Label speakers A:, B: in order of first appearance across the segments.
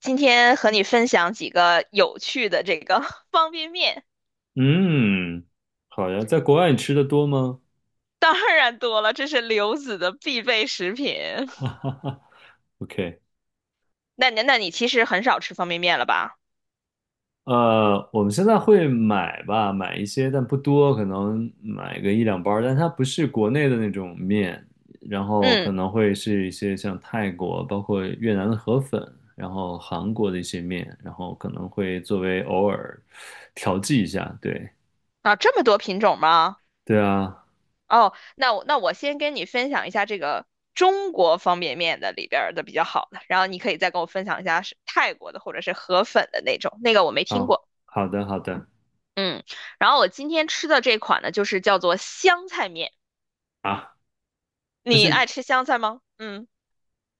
A: 今天和你分享几个有趣的这个 方便面。
B: 嗯，好呀，在国外你吃的多吗
A: 当然多了，这是刘子的必备食品。
B: ？OK，
A: 那你其实很少吃方便面了吧？
B: 我们现在会买吧，买一些，但不多，可能买个一两包儿但它不是国内的那种面，然后可
A: 嗯。
B: 能会是一些像泰国，包括越南的河粉，然后韩国的一些面，然后可能会作为偶尔调剂一下，对，
A: 啊，这么多品种吗？
B: 对啊，
A: 哦，那我先跟你分享一下这个中国方便面的里边儿的比较好的，然后你可以再跟我分享一下是泰国的或者是河粉的那种，那个我没听
B: 好，
A: 过。
B: 好的，好的，
A: 嗯。然后我今天吃的这款呢，就是叫做香菜面。
B: 啊，但
A: 你
B: 是
A: 爱吃香菜吗？嗯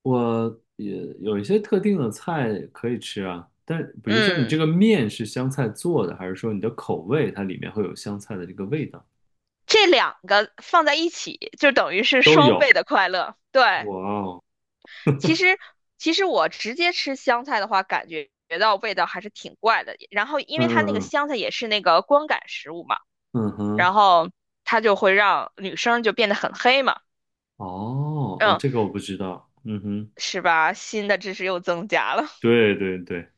B: 我也有一些特定的菜可以吃啊，但比如说你这
A: 嗯。
B: 个面是香菜做的，还是说你的口味它里面会有香菜的这个味道？
A: 这两个放在一起，就等于是
B: 都
A: 双倍
B: 有。
A: 的快乐。对，
B: 哇哦，
A: 其实其实我直接吃香菜的话，感觉到味道还是挺怪的。然后，因
B: 嗯
A: 为它那个
B: 嗯
A: 香菜也是那个光感食物嘛，
B: 嗯嗯
A: 然
B: 哼，
A: 后它就会让女生就变得很黑嘛。
B: 哦哦，
A: 嗯，
B: 这个我不知道。嗯哼，
A: 是吧？新的知识又增加了。
B: 对对对，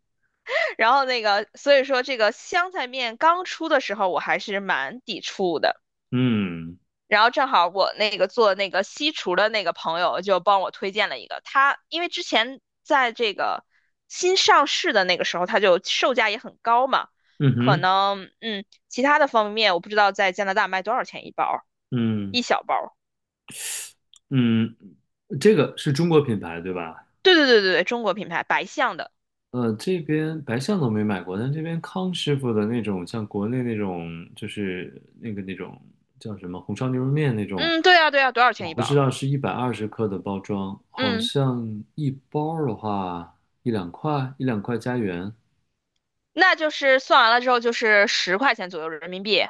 A: 然后那个，所以说这个香菜面刚出的时候，我还是蛮抵触的。
B: 嗯
A: 然后正好我那个做那个西厨的那个朋友就帮我推荐了一个，他因为之前在这个新上市的那个时候，它就售价也很高嘛。
B: 嗯
A: 可
B: 哼
A: 能其他的方便面我不知道在加拿大卖多少钱一包儿，
B: 嗯
A: 一小包儿。
B: 嗯，这个是中国品牌对吧？
A: 对对对对对，中国品牌白象的。
B: 这边白象都没买过，但这边康师傅的那种，像国内那种，就是那个那种叫什么红烧牛肉面那种，
A: 嗯，对呀对呀，多少钱
B: 我
A: 一
B: 不
A: 包
B: 知
A: 儿？
B: 道是120克的包装，好
A: 嗯，
B: 像一包儿的话一两块，一两块加元，
A: 那就是算完了之后就是10块钱左右人民币。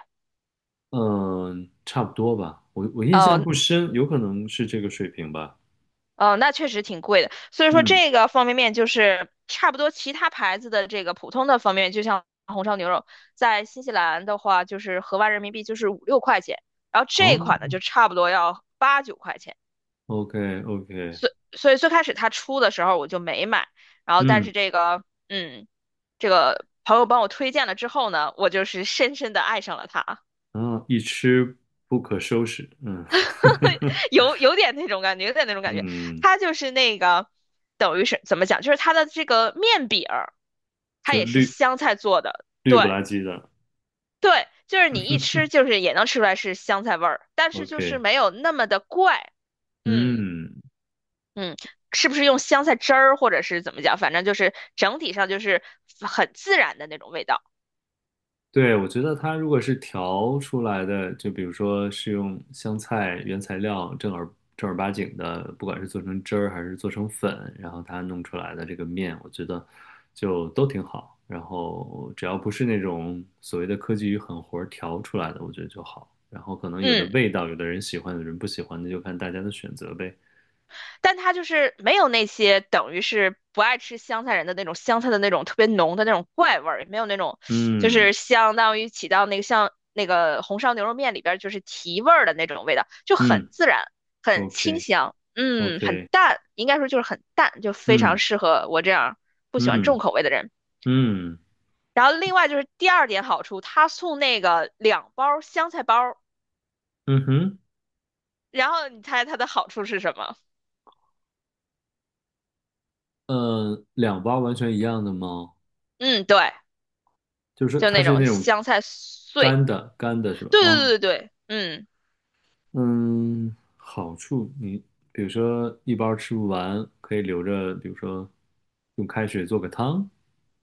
B: 嗯、差不多吧。我印象
A: 哦，
B: 不深，有可能是这个水平吧。
A: 那确实挺贵的。所以说
B: 嗯，
A: 这个方便面就是差不多其他牌子的这个普通的方便面，就像红烧牛肉，在新西兰的话就是合完人民币就是五六块钱，然后
B: 好
A: 这一款呢就差不多要八九块钱。
B: o k OK，
A: 所以最开始它出的时候我就没买。然后但
B: 嗯，
A: 是这个这个朋友帮我推荐了之后呢，我就是深深的爱上了它。
B: 啊，一吃不可收拾，嗯，
A: 有点那种感觉，有点那种感觉。
B: 嗯。
A: 它就是那个，等于是怎么讲，就是它的这个面饼儿，它
B: 就是
A: 也是
B: 绿
A: 香菜做的。
B: 绿不
A: 对
B: 拉几的
A: 对，就是你一吃就是也能吃出来是香菜味儿，但是就是
B: ，OK，
A: 没有那么的怪。嗯
B: 嗯，
A: 嗯，是不是用香菜汁儿或者是怎么讲？反正就是整体上就是很自然的那种味道。
B: 对，我觉得它如果是调出来的，就比如说是用香菜原材料正儿八经的，不管是做成汁儿还是做成粉，然后它弄出来的这个面，我觉得就都挺好。然后只要不是那种所谓的科技与狠活儿调出来的，我觉得就好。然后可能有的
A: 嗯。
B: 味道，有的人喜欢，有的人不喜欢，那就看大家的选择呗。
A: 但它就是没有那些等于是不爱吃香菜人的那种香菜的那种特别浓的那种怪味儿，也没有那种就
B: 嗯
A: 是相当于起到那个像那个红烧牛肉面里边就是提味儿的那种味道，就很
B: 嗯
A: 自然，很清
B: ，OK
A: 香。嗯，很
B: OK，
A: 淡，应该说就是很淡，就非常
B: 嗯
A: 适合我这样不喜欢重
B: 嗯
A: 口味的人。
B: 嗯。
A: 然后另外就是第二点好处，他送那个2包香菜包。
B: 嗯哼，
A: 然后你猜它的好处是什么？
B: 两包完全一样的吗？
A: 嗯，对，
B: 就是
A: 就
B: 它
A: 那
B: 是
A: 种
B: 那种
A: 香菜碎。
B: 干的，干的是吧？
A: 对
B: 啊，
A: 对对对对，嗯，
B: 嗯，好处你比如说一包吃不完，可以留着，比如说用开水做个汤。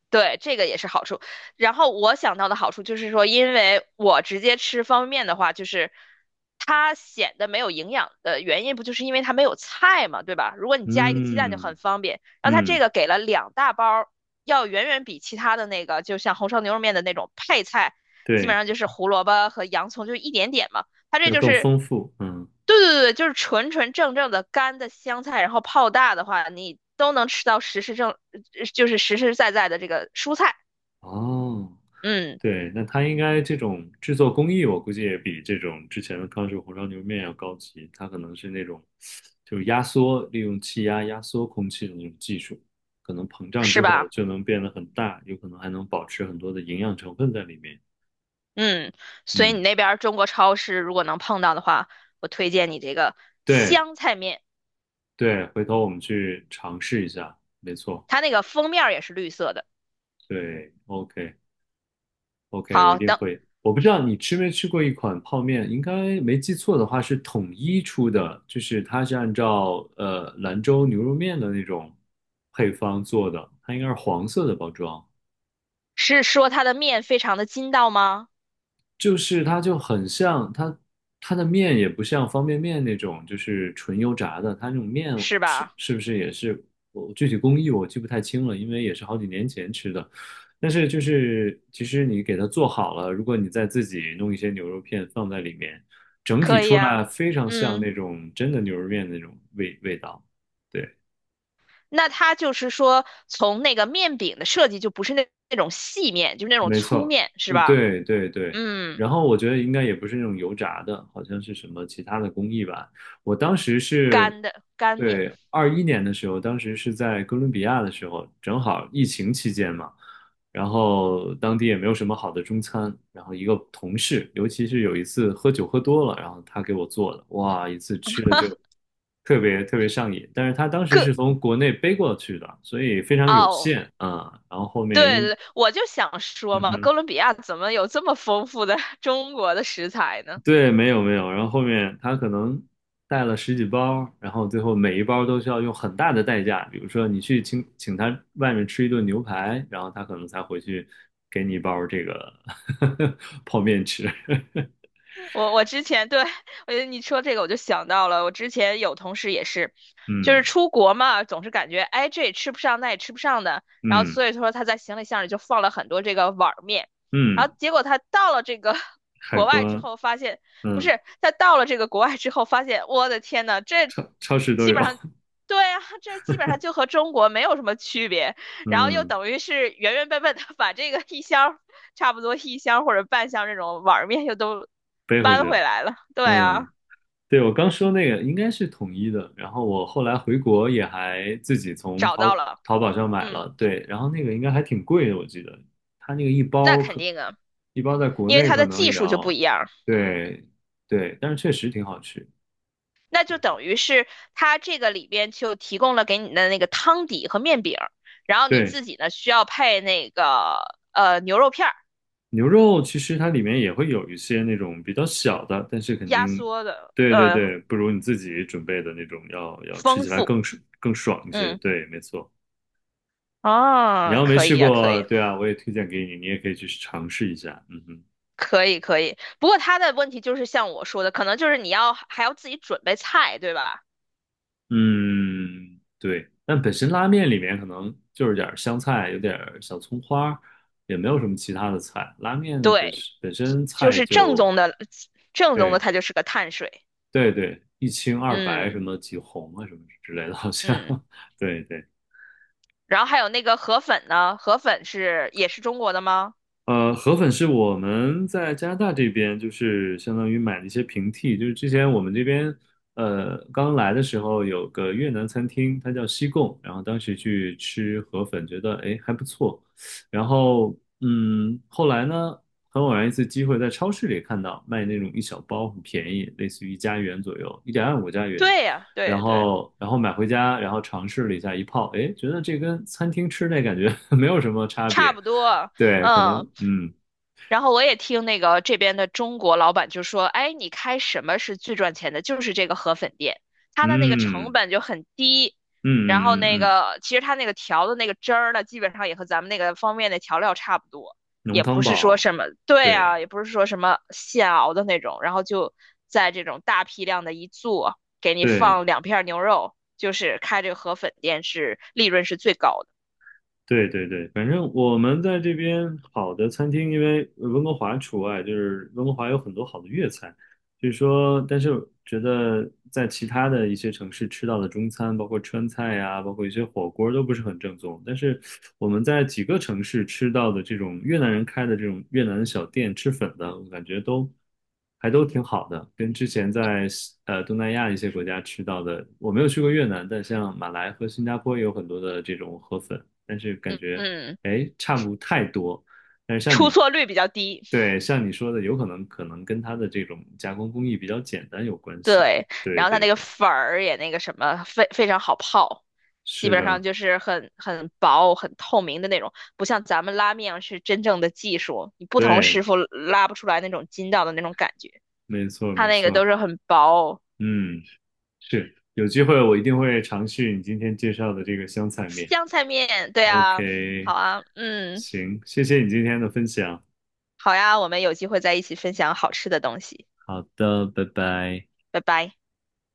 A: 对，这个也是好处。然后我想到的好处就是说，因为我直接吃方便面的话，就是它显得没有营养的原因，不就是因为它没有菜嘛，对吧？如果你加一个鸡蛋就
B: 嗯
A: 很方便。然后它这
B: 嗯，
A: 个给了2大包儿，要远远比其他的那个，就像红烧牛肉面的那种配菜，基本
B: 对，
A: 上就是胡萝卜和洋葱，就一点点嘛。它这
B: 要
A: 就
B: 更
A: 是，
B: 丰富。嗯，
A: 对对对，就是纯纯正正的干的香菜，然后泡大的话，你都能吃到实实正，就是实实在在的这个蔬菜。
B: 哦，
A: 嗯，
B: 对，那它应该这种制作工艺，我估计也比这种之前的康师傅红烧牛肉面要高级。它可能是那种就是压缩，利用气压压缩空气的那种技术，可能膨胀
A: 是
B: 之后
A: 吧？
B: 就能变得很大，有可能还能保持很多的营养成分在里面。
A: 嗯，所以你
B: 嗯，
A: 那边儿中国超市如果能碰到的话，我推荐你这个
B: 对
A: 香菜面，
B: 对，回头我们去尝试一下，没错，
A: 它那个封面儿也是绿色的。
B: 对，OK。OK，我一
A: 好
B: 定
A: 的，
B: 会。我不知道你吃没吃过一款泡面，应该没记错的话是统一出的，就是它是按照兰州牛肉面的那种配方做的，它应该是黄色的包装。
A: 是说它的面非常的筋道吗？
B: 就是它就很像它的面也不像方便面那种，就是纯油炸的，它那种面
A: 是
B: 是
A: 吧？
B: 是不是也是我具体工艺我记不太清了，因为也是好几年前吃的。但是就是其实你给它做好了，如果你再自己弄一些牛肉片放在里面，整体
A: 可以
B: 出来
A: 啊。
B: 非常像
A: 嗯。
B: 那种真的牛肉面那种味道。对。
A: 那它就是说，从那个面饼的设计就不是那种细面，就是那种
B: 没
A: 粗
B: 错，
A: 面，是吧？
B: 对对对，
A: 嗯，
B: 然后我觉得应该也不是那种油炸的，好像是什么其他的工艺吧。我当时是，
A: 干的干面。
B: 对，21年的时候，当时是在哥伦比亚的时候，正好疫情期间嘛，然后当地也没有什么好的中餐，然后一个同事，尤其是有一次喝酒喝多了，然后他给我做的，哇，一次吃的就特别特别上瘾，但是他当时
A: 哥，
B: 是从国内背过去的，所以非常有
A: 哦，
B: 限啊，然后后
A: 对
B: 面又。
A: 对对，我就想说
B: 嗯
A: 嘛，
B: 哼。
A: 哥伦比亚怎么有这么丰富的 中国的食材呢？
B: 对，没有没有，然后后面他可能带了十几包，然后最后每一包都需要用很大的代价，比如说你去请他外面吃一顿牛排，然后他可能才回去给你一包这个 泡面吃。
A: 我之前对，我觉得你说这个我就想到了，我之前有同事也是，就是
B: 嗯
A: 出国嘛，总是感觉哎这也吃不上，那也吃不上的，然后
B: 嗯
A: 所以说他在行李箱里就放了很多这个碗儿面，然后
B: 嗯，
A: 结果他到了这个
B: 海
A: 国外之
B: 关，
A: 后发现，不
B: 嗯，
A: 是，他到了这个国外之后发现，我的天呐，这
B: 超市都
A: 基
B: 有，
A: 本上。对啊，这基本上就和中国没有什么区别，然后又
B: 嗯，
A: 等于是原原本本的把这个 一箱差不多一箱或者半箱这种碗儿面又都
B: 背回去
A: 搬回
B: 了，
A: 来了。对啊，
B: 嗯。对，我刚说那个应该是统一的，然后我后来回国也还自己从
A: 找到
B: 淘
A: 了。
B: 淘宝上买
A: 嗯，
B: 了，对，然后那个应该还挺贵的，我记得，它那个
A: 那肯定啊，
B: 一包在国
A: 因为
B: 内
A: 它
B: 可
A: 的
B: 能
A: 技
B: 也
A: 术就不一
B: 要，
A: 样，
B: 对对，但是确实挺好吃。
A: 那就等于是它这个里边就提供了给你的那个汤底和面饼，然后你
B: 对，
A: 自己呢需要配那个牛肉片儿，
B: 牛肉其实它里面也会有一些那种比较小的，但是肯
A: 压
B: 定，
A: 缩的
B: 对对对，不如你自己准备的那种要吃
A: 丰
B: 起来
A: 富。
B: 更爽更爽一些。
A: 嗯，
B: 对，没错。你
A: 啊，
B: 要没
A: 可
B: 试
A: 以呀、可
B: 过，
A: 以。
B: 对啊，我也推荐给你，你也可以去尝试一下。嗯哼，
A: 可以可以，不过他的问题就是像我说的，可能就是你要还要自己准备菜，对吧？
B: 嗯，对。但本身拉面里面可能就是点儿香菜，有点儿小葱花儿，也没有什么其他的菜。拉面本身
A: 对，
B: 本身
A: 就
B: 菜
A: 是正
B: 就
A: 宗的，正宗的
B: 对
A: 它就是个碳水。
B: 对对，一清二白什
A: 嗯
B: 么几红啊什么之类的，好像
A: 嗯。
B: 对对。
A: 然后还有那个河粉呢，河粉是也是中国的吗？
B: 河粉是我们在加拿大这边，就是相当于买的一些平替，就是之前我们这边，刚来的时候有个越南餐厅，它叫西贡，然后当时去吃河粉，觉得哎还不错，然后嗯，后来呢，很偶然一次机会在超市里看到卖那种一小包，很便宜，类似于1加元左右，1.25加元，
A: 对呀，
B: 然
A: 对对，
B: 后然后买回家，然后尝试了一下一泡，哎，觉得这跟餐厅吃那感觉 没有什么差
A: 差
B: 别。
A: 不多。
B: 对，可
A: 嗯。
B: 能，嗯
A: 然后我也听那个这边的中国老板就说，哎，你开什么是最赚钱的？就是这个河粉店，它的那个成
B: 嗯
A: 本就很低，
B: 嗯
A: 然后
B: 嗯
A: 那
B: 嗯，嗯，
A: 个其实它那个调的那个汁儿呢，基本上也和咱们那个方便面的调料差不多，
B: 浓
A: 也
B: 汤
A: 不是说
B: 宝，
A: 什么，对
B: 对
A: 啊，也不是说什么现熬的那种，然后就在这种大批量的一做，给你
B: 对
A: 放2片牛肉，就是开这个河粉店是利润是最高的。
B: 对对对，反正我们在这边好的餐厅，因为温哥华除外，就是温哥华有很多好的粤菜。就是说，但是我觉得在其他的一些城市吃到的中餐，包括川菜呀、包括一些火锅都不是很正宗。但是我们在几个城市吃到的这种越南人开的这种越南小店吃粉的，我感觉都还都挺好的，跟之前在东南亚一些国家吃到的，我没有去过越南，但像马来和新加坡也有很多的这种河粉，但是感觉
A: 嗯，
B: 哎差不太多。但是像
A: 出
B: 你
A: 错率比较低。
B: 对，像你说的，有可能跟它的这种加工工艺比较简单有关系。
A: 对，
B: 对
A: 然后它
B: 对
A: 那个
B: 对，
A: 粉儿也那个什么，非常好泡，基
B: 是
A: 本上
B: 的，
A: 就是很薄、很透明的那种，不像咱们拉面是真正的技术，你不同师
B: 对，
A: 傅拉不出来那种筋道的那种感觉，
B: 没错
A: 它
B: 没
A: 那个都
B: 错，
A: 是很薄。
B: 嗯，是，有机会我一定会尝试你今天介绍的这个香菜面。
A: 香菜面，对啊，好
B: OK，
A: 啊，嗯，
B: 行，谢谢你今天的分享。
A: 好呀，我们有机会再一起分享好吃的东西。
B: 好的，拜拜。
A: 拜拜。